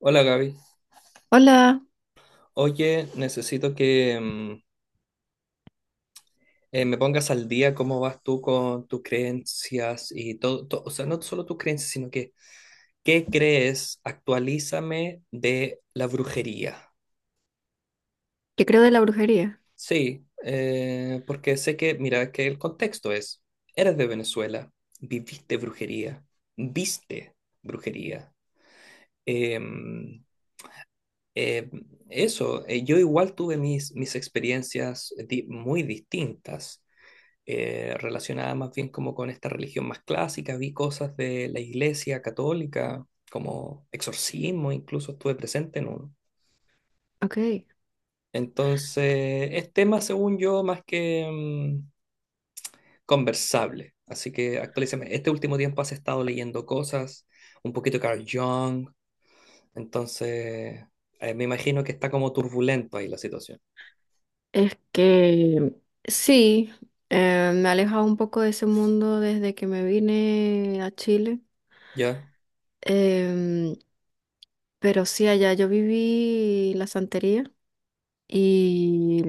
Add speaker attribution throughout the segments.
Speaker 1: Hola, Gaby.
Speaker 2: Hola,
Speaker 1: Oye, necesito que me pongas al día cómo vas tú con tus creencias y todo, o sea, no solo tus creencias, sino que qué crees, actualízame de la brujería.
Speaker 2: ¿qué creo de la brujería?
Speaker 1: Sí, porque sé que, mira, que el contexto es, eres de Venezuela, viviste brujería, viste brujería. Em, em, Eso, yo igual tuve mis experiencias muy distintas. Relacionada más bien como con esta religión más clásica, vi cosas de la Iglesia Católica, como exorcismo, incluso estuve presente en uno.
Speaker 2: Ok,
Speaker 1: Entonces, es tema, según yo, más que conversable. Así que actualízame. Este último tiempo has estado leyendo cosas, un poquito Carl Jung. Entonces, me imagino que está como turbulento ahí la situación.
Speaker 2: es que sí, me he alejado un poco de ese mundo desde que me vine a Chile.
Speaker 1: ¿Ya?
Speaker 2: em, pero sí, allá yo viví la santería y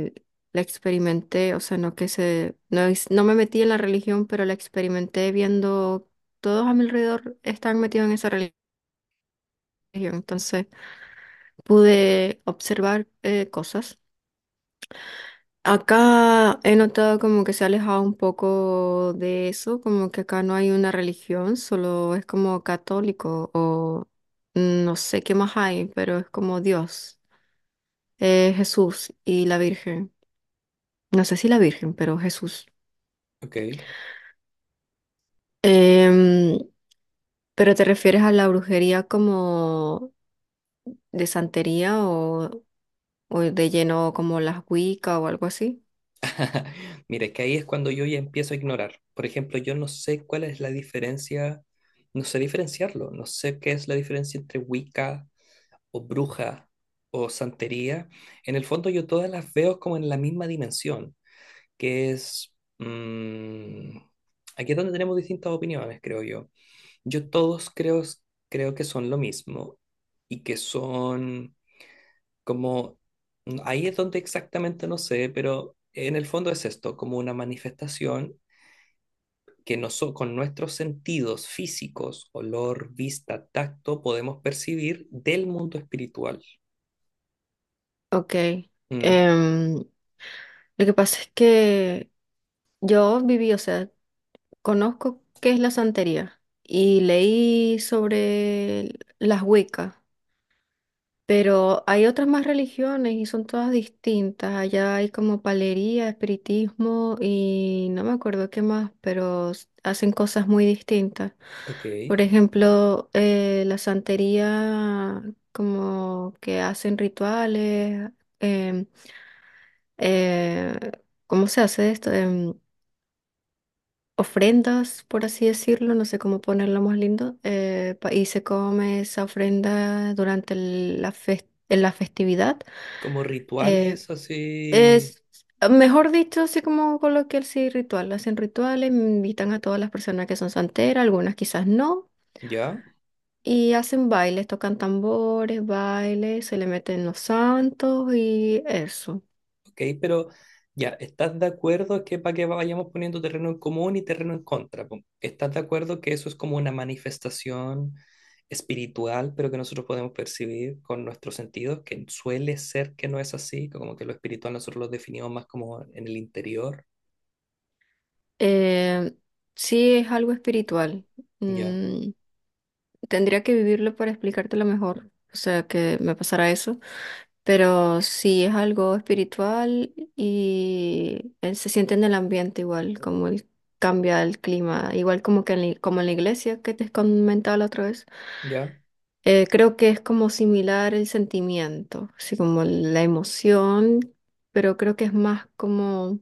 Speaker 2: la experimenté, o sea, no, no me metí en la religión, pero la experimenté viendo todos a mi alrededor están metidos en esa religión, entonces pude observar cosas. Acá he notado como que se ha alejado un poco de eso, como que acá no hay una religión, solo es como católico o no sé qué más hay, pero es como Dios, Jesús y la Virgen. No sé si la Virgen, pero Jesús.
Speaker 1: Ok.
Speaker 2: Em, pero te refieres a la brujería como de santería o de lleno como las Wicca o algo así.
Speaker 1: Mira, es que ahí es cuando yo ya empiezo a ignorar. Por ejemplo, yo no sé cuál es la diferencia, no sé diferenciarlo, no sé qué es la diferencia entre Wicca o bruja o santería. En el fondo yo todas las veo como en la misma dimensión, que es aquí es donde tenemos distintas opiniones, creo yo. Yo todos creo, creo que son lo mismo y que son como ahí es donde exactamente no sé, pero en el fondo es esto, como una manifestación que con nuestros sentidos físicos, olor, vista, tacto, podemos percibir del mundo espiritual.
Speaker 2: Ok.
Speaker 1: Mm,
Speaker 2: Em, lo que pasa es que yo viví, o sea, conozco qué es la santería y leí sobre las Wiccas, pero hay otras más religiones y son todas distintas. Allá hay como palería, espiritismo y no me acuerdo qué más, pero hacen cosas muy distintas.
Speaker 1: ok,
Speaker 2: Por ejemplo, la santería, como que hacen rituales, em, eh, ¿cómo se hace esto? Ofrendas, por así decirlo, no sé cómo ponerlo más lindo, y se come esa ofrenda durante en la festividad.
Speaker 1: como
Speaker 2: Eh,
Speaker 1: rituales así,
Speaker 2: es, mejor dicho, así como coloquial, sí, ritual. Hacen rituales, invitan a todas las personas que son santeras, algunas quizás no.
Speaker 1: ¿ya?
Speaker 2: Y hacen bailes, tocan tambores, bailes, se le meten los santos y eso.
Speaker 1: ¿Ok? Pero ya, ¿estás de acuerdo que para que vayamos poniendo terreno en común y terreno en contra, po? ¿Estás de acuerdo que eso es como una manifestación espiritual, pero que nosotros podemos percibir con nuestros sentidos, que suele ser que no es así, como que lo espiritual nosotros lo definimos más como en el interior?
Speaker 2: Eh, sí es algo espiritual.
Speaker 1: Ya,
Speaker 2: Mm. Tendría que vivirlo para explicártelo mejor, o sea, que me pasara eso, pero sí es algo espiritual y él se siente en el ambiente igual, como él cambia el clima, igual como que en como en la iglesia que te comentaba la otra vez.
Speaker 1: ya.
Speaker 2: Creo que es como similar el sentimiento, así como la emoción, pero creo que es más como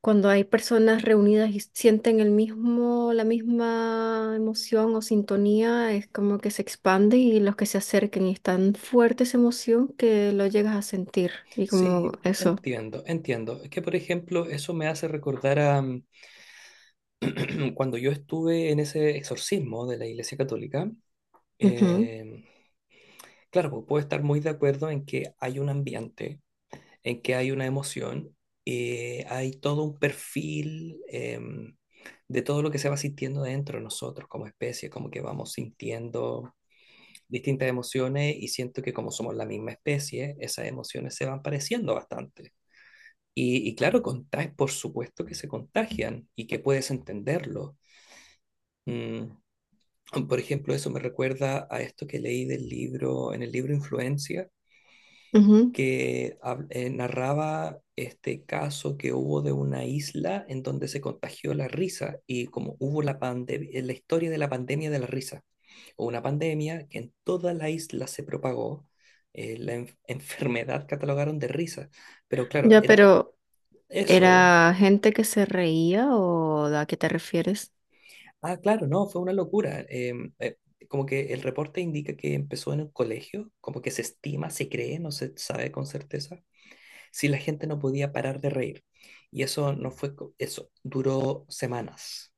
Speaker 2: cuando hay personas reunidas y sienten el mismo, la misma emoción o sintonía, es como que se expande y los que se acerquen y es tan fuerte esa emoción que lo llegas a sentir y como
Speaker 1: Sí,
Speaker 2: eso.
Speaker 1: entiendo, entiendo. Es que, por ejemplo, eso me hace recordar a cuando yo estuve en ese exorcismo de la Iglesia Católica. em, Claro, puedo estar muy de acuerdo en que hay un ambiente, en que hay una emoción, hay todo un perfil de todo lo que se va sintiendo dentro de nosotros como especie, como que vamos sintiendo distintas emociones y siento que como somos la misma especie, esas emociones se van pareciendo bastante. Y claro, contagian, por supuesto que se contagian y que puedes entenderlo. Mm, por ejemplo, eso me recuerda a esto que leí del libro, en el libro Influencia,
Speaker 2: Ujú, ujú.
Speaker 1: que narraba este caso que hubo de una isla en donde se contagió la risa, y como hubo la pande la historia de la pandemia de la risa, o una pandemia que en toda la isla se propagó, la enfermedad catalogaron de risa, pero claro,
Speaker 2: Ya,
Speaker 1: era
Speaker 2: pero
Speaker 1: eso.
Speaker 2: ¿era gente que se reía o a qué te refieres?
Speaker 1: Ah, claro, no, fue una locura. Como que el reporte indica que empezó en un colegio, como que se estima, se cree, no se sabe con certeza si la gente no podía parar de reír. Y eso no fue, eso duró semanas.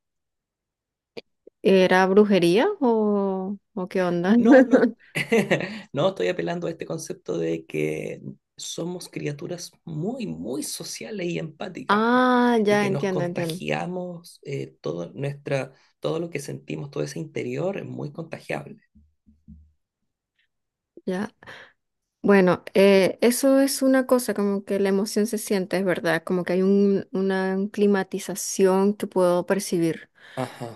Speaker 2: ¿Era brujería o qué onda?
Speaker 1: No, no, no estoy apelando a este concepto de que somos criaturas muy, muy sociales y empáticas, po,
Speaker 2: Ah,
Speaker 1: y
Speaker 2: ya
Speaker 1: que nos
Speaker 2: entiendo, entiendo.
Speaker 1: contagiamos todo nuestra, todo lo que sentimos, todo ese interior es muy contagiable.
Speaker 2: Ya. Bueno, eso es una cosa, como que la emoción se siente, es verdad, como que hay una climatización que puedo percibir.
Speaker 1: Ajá.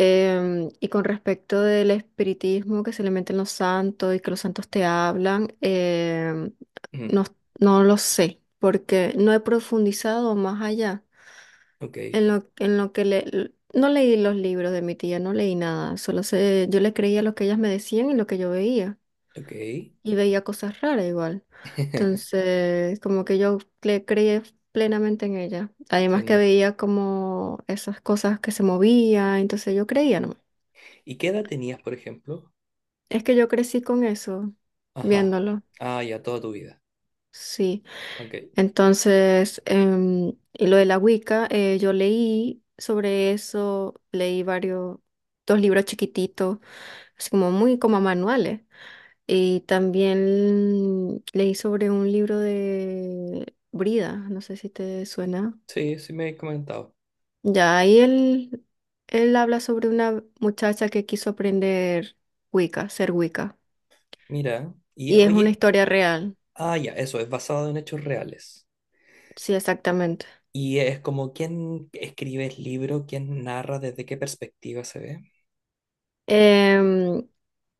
Speaker 2: Y con respecto del espiritismo que se le meten los santos y que los santos te hablan,
Speaker 1: Mm,
Speaker 2: no, no lo sé, porque no he profundizado más allá
Speaker 1: ok,
Speaker 2: en lo que le... No leí los libros de mi tía, no leí nada, solo sé, yo le creía lo que ellas me decían y lo que yo veía
Speaker 1: ok.
Speaker 2: y veía cosas raras igual. Entonces, como que yo le creí plenamente en ella. Además que
Speaker 1: Entiendo.
Speaker 2: veía como esas cosas que se movían, entonces yo creía, ¿no?
Speaker 1: ¿Y qué edad tenías, por ejemplo?
Speaker 2: Es que yo crecí con eso,
Speaker 1: Ajá.
Speaker 2: viéndolo,
Speaker 1: Ah, ya toda tu vida.
Speaker 2: sí.
Speaker 1: Ok.
Speaker 2: Entonces, y lo de la Wicca, yo leí sobre eso, leí varios, dos libros chiquititos, así como muy como manuales. Y también leí sobre un libro de Brida, no sé si te suena.
Speaker 1: Sí, sí me habéis comentado.
Speaker 2: Ya, ahí él habla sobre una muchacha que quiso aprender Wicca, ser Wicca.
Speaker 1: Mira, y
Speaker 2: Y es una
Speaker 1: oye,
Speaker 2: historia real,
Speaker 1: ah, ya, eso, es basado en hechos reales.
Speaker 2: sí, exactamente.
Speaker 1: Y es como quién escribe el libro, quién narra, desde qué perspectiva se ve.
Speaker 2: Em,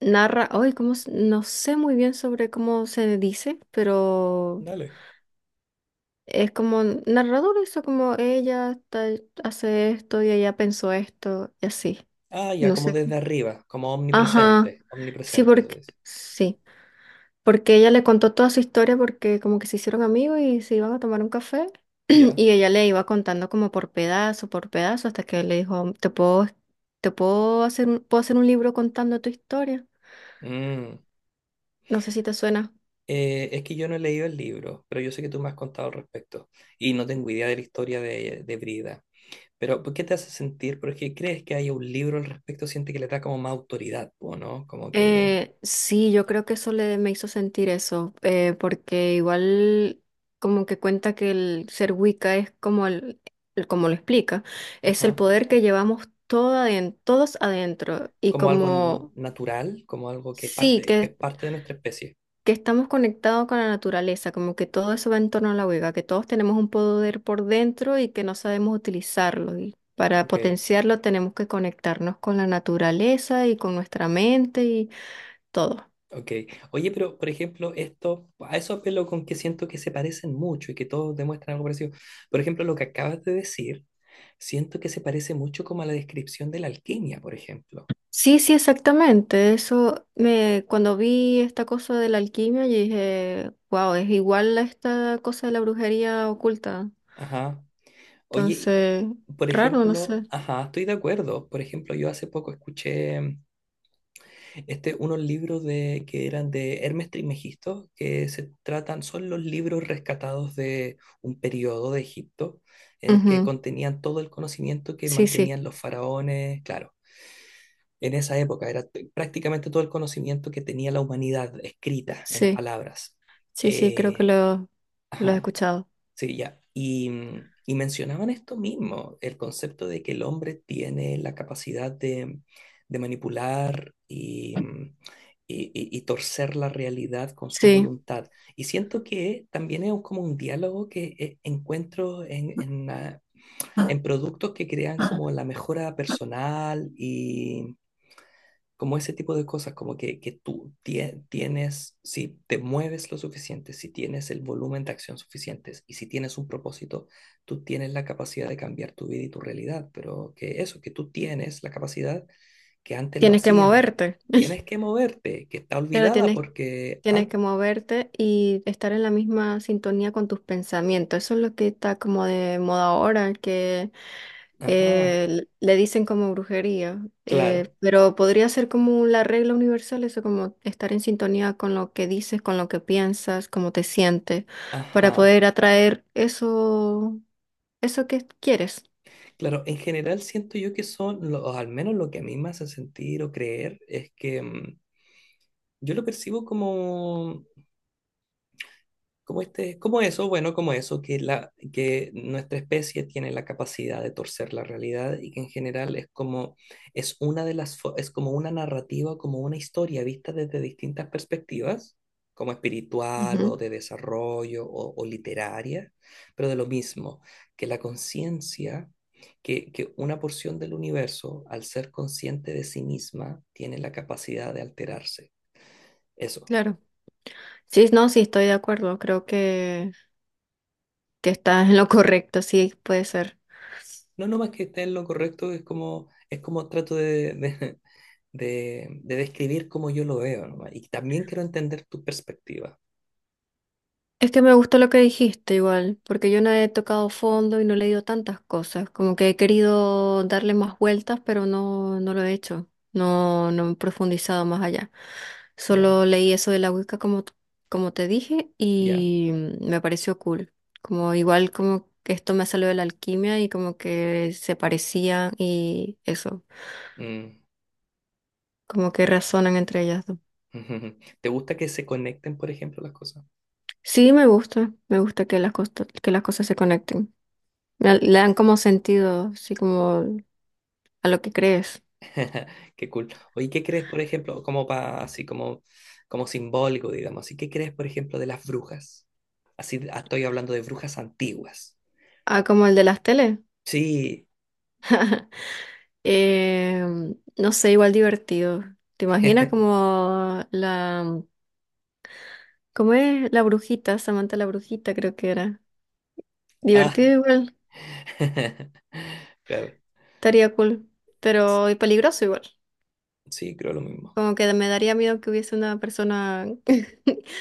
Speaker 2: narra, hoy, ¿cómo? No sé muy bien sobre cómo se dice, pero
Speaker 1: Dale.
Speaker 2: es como narrador eso, como hace esto y ella pensó esto y así.
Speaker 1: Ah, ya,
Speaker 2: No
Speaker 1: como
Speaker 2: sé.
Speaker 1: desde arriba, como
Speaker 2: Ajá,
Speaker 1: omnipresente. Omnipresente se le dice.
Speaker 2: sí, porque ella le contó toda su historia porque como que se hicieron amigos y se iban a tomar un café
Speaker 1: Ya.
Speaker 2: y ella le iba contando como por pedazo, hasta que él le dijo, te puedo hacer, puedo hacer un libro contando tu historia.
Speaker 1: Mm.
Speaker 2: No sé si te suena.
Speaker 1: Es que yo no he leído el libro, pero yo sé que tú me has contado al respecto. Y no tengo idea de la historia de Brida. Pero, ¿por qué te hace sentir? Porque crees que hay un libro al respecto, siente que le da como más autoridad, ¿o no? Como que.
Speaker 2: Sí, yo creo que eso me hizo sentir eso, porque igual como que cuenta que el ser Wicca es como, como lo explica, es el
Speaker 1: Ajá,
Speaker 2: poder que llevamos todos adentro y
Speaker 1: como algo
Speaker 2: como
Speaker 1: natural, como algo que
Speaker 2: sí,
Speaker 1: parte, que es parte de nuestra especie.
Speaker 2: que estamos conectados con la naturaleza, como que todo eso va en torno a la Wicca, que todos tenemos un poder por dentro y que no sabemos utilizarlo. Y para
Speaker 1: Ok,
Speaker 2: potenciarlo tenemos que conectarnos con la naturaleza y con nuestra mente y todo.
Speaker 1: ok. Oye, pero por ejemplo, esto, a eso apelo con que siento que se parecen mucho y que todos demuestran algo parecido. Por ejemplo, lo que acabas de decir, siento que se parece mucho como a la descripción de la alquimia, por ejemplo.
Speaker 2: Sí, sí, exactamente. Cuando vi esta cosa de la alquimia, yo dije, wow, es igual a esta cosa de la brujería oculta.
Speaker 1: Ajá. Oye,
Speaker 2: Entonces,
Speaker 1: por
Speaker 2: raro, no
Speaker 1: ejemplo,
Speaker 2: sé.
Speaker 1: ajá, estoy de acuerdo. Por ejemplo, yo hace poco escuché este, unos libros de, que eran de Hermes Trismegisto, que se tratan, son los libros rescatados de un periodo de Egipto, en el que
Speaker 2: Ujú.
Speaker 1: contenían todo el conocimiento que
Speaker 2: Sí, sí,
Speaker 1: mantenían los faraones, claro. En esa época era prácticamente todo el conocimiento que tenía la humanidad escrita en
Speaker 2: sí,
Speaker 1: palabras.
Speaker 2: sí, sí, creo que
Speaker 1: Eh,
Speaker 2: lo he
Speaker 1: ajá.
Speaker 2: escuchado.
Speaker 1: Sí, ya. Y, y mencionaban esto mismo, el concepto de que el hombre tiene la capacidad de manipular y, y torcer la realidad con su
Speaker 2: Sí,
Speaker 1: voluntad. Y siento que también es como un diálogo que encuentro en, ah, en productos que crean como la mejora personal, como ese tipo de cosas, como que tú tienes, si te mueves lo suficiente, si tienes el volumen de acción suficientes y si tienes un propósito, tú tienes la capacidad de cambiar tu vida y tu realidad, pero que eso, que tú tienes la capacidad que antes lo
Speaker 2: tienes que
Speaker 1: hacíamos,
Speaker 2: moverte.
Speaker 1: tienes que moverte, que está
Speaker 2: Claro,
Speaker 1: olvidada porque,
Speaker 2: tienes
Speaker 1: an-
Speaker 2: que moverte y estar en la misma sintonía con tus pensamientos. Eso es lo que está como de moda ahora, que
Speaker 1: ajá,
Speaker 2: le dicen como brujería,
Speaker 1: claro,
Speaker 2: pero podría ser como la regla universal, eso como estar en sintonía con lo que dices, con lo que piensas, cómo te sientes, para
Speaker 1: ajá.
Speaker 2: poder atraer eso, eso que quieres.
Speaker 1: Claro, en general siento yo que son, o al menos lo que a mí me hace sentir o creer, es que yo lo percibo como, como este, como eso, bueno, como eso, que, la, que nuestra especie tiene la capacidad de torcer la realidad y que en general es como, es una de las, es como una narrativa, como una historia vista desde distintas perspectivas, como espiritual o
Speaker 2: Ujú,
Speaker 1: de desarrollo o literaria, pero de lo mismo, que la conciencia, que una porción del universo, al ser consciente de sí misma, tiene la capacidad de alterarse. Eso.
Speaker 2: claro. Sí, no, sí, estoy de acuerdo, que estás en lo correcto, sí, puede ser.
Speaker 1: No, no más que esté en lo correcto, es como trato de, de describir cómo yo lo veo, nomás. Y también quiero entender tu perspectiva.
Speaker 2: Es que me gustó lo que dijiste igual, porque yo no he tocado fondo y no he leído tantas cosas, como que he querido darle más vueltas, pero no, no lo he hecho, no, no he profundizado más allá.
Speaker 1: Ya,
Speaker 2: Solo leí eso de la Wicca como, como te dije
Speaker 1: ya.
Speaker 2: y me pareció cool, como igual como que esto me salió de la alquimia y como que se parecían y eso,
Speaker 1: Mm.
Speaker 2: como que razonan entre ellas dos.
Speaker 1: ¿Te gusta que se conecten, por ejemplo, las cosas?
Speaker 2: Sí, me gusta que que las cosas se conecten. Le dan como sentido, así como a lo que crees.
Speaker 1: Qué cool. Oye, ¿qué crees, por ejemplo, como así como, como simbólico, digamos, así qué crees, por ejemplo, de las brujas? Así, ah, estoy hablando de brujas antiguas.
Speaker 2: Ah, como el de las teles.
Speaker 1: Sí.
Speaker 2: Eh, no sé, igual divertido. ¿Te imaginas como la... ¿Cómo es? La brujita, Samantha la brujita creo que era.
Speaker 1: Ah.
Speaker 2: Divertido igual,
Speaker 1: Claro.
Speaker 2: estaría cool, pero y peligroso igual.
Speaker 1: Sí, creo lo mismo.
Speaker 2: Como que me daría miedo que hubiese una persona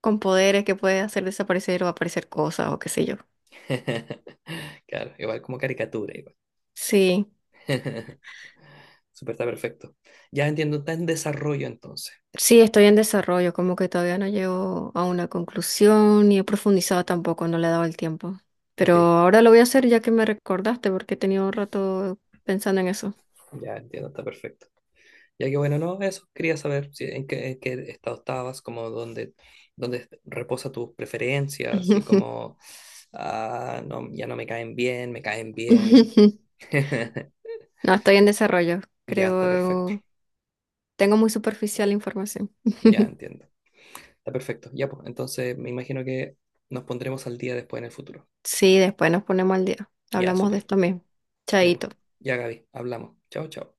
Speaker 2: con poderes que puede hacer desaparecer o aparecer cosas o qué sé yo.
Speaker 1: Claro, igual como caricatura, igual.
Speaker 2: Sí.
Speaker 1: Súper, está perfecto. Ya entiendo, está en desarrollo entonces.
Speaker 2: Sí, estoy en desarrollo, como que todavía no llego a una conclusión ni he profundizado tampoco, no le he dado el tiempo.
Speaker 1: Ok,
Speaker 2: Pero ahora lo voy a hacer ya que me recordaste, porque he tenido un rato pensando en eso.
Speaker 1: ya entiendo, está perfecto. Ya que bueno, no, eso, quería saber si, en qué estado estabas, como dónde, dónde reposa tus preferencias y como, ah, no, ya no me caen bien, me caen bien.
Speaker 2: No, estoy en desarrollo,
Speaker 1: Ya está perfecto,
Speaker 2: creo. Tengo muy superficial la información.
Speaker 1: ya entiendo. Está perfecto, ya pues, entonces me imagino que nos pondremos al día después en el futuro.
Speaker 2: Sí, después nos ponemos al día.
Speaker 1: Ya,
Speaker 2: Hablamos de
Speaker 1: súper.
Speaker 2: esto mismo.
Speaker 1: Ya pues,
Speaker 2: Chaito.
Speaker 1: ya, Gaby, hablamos. Chao, chao.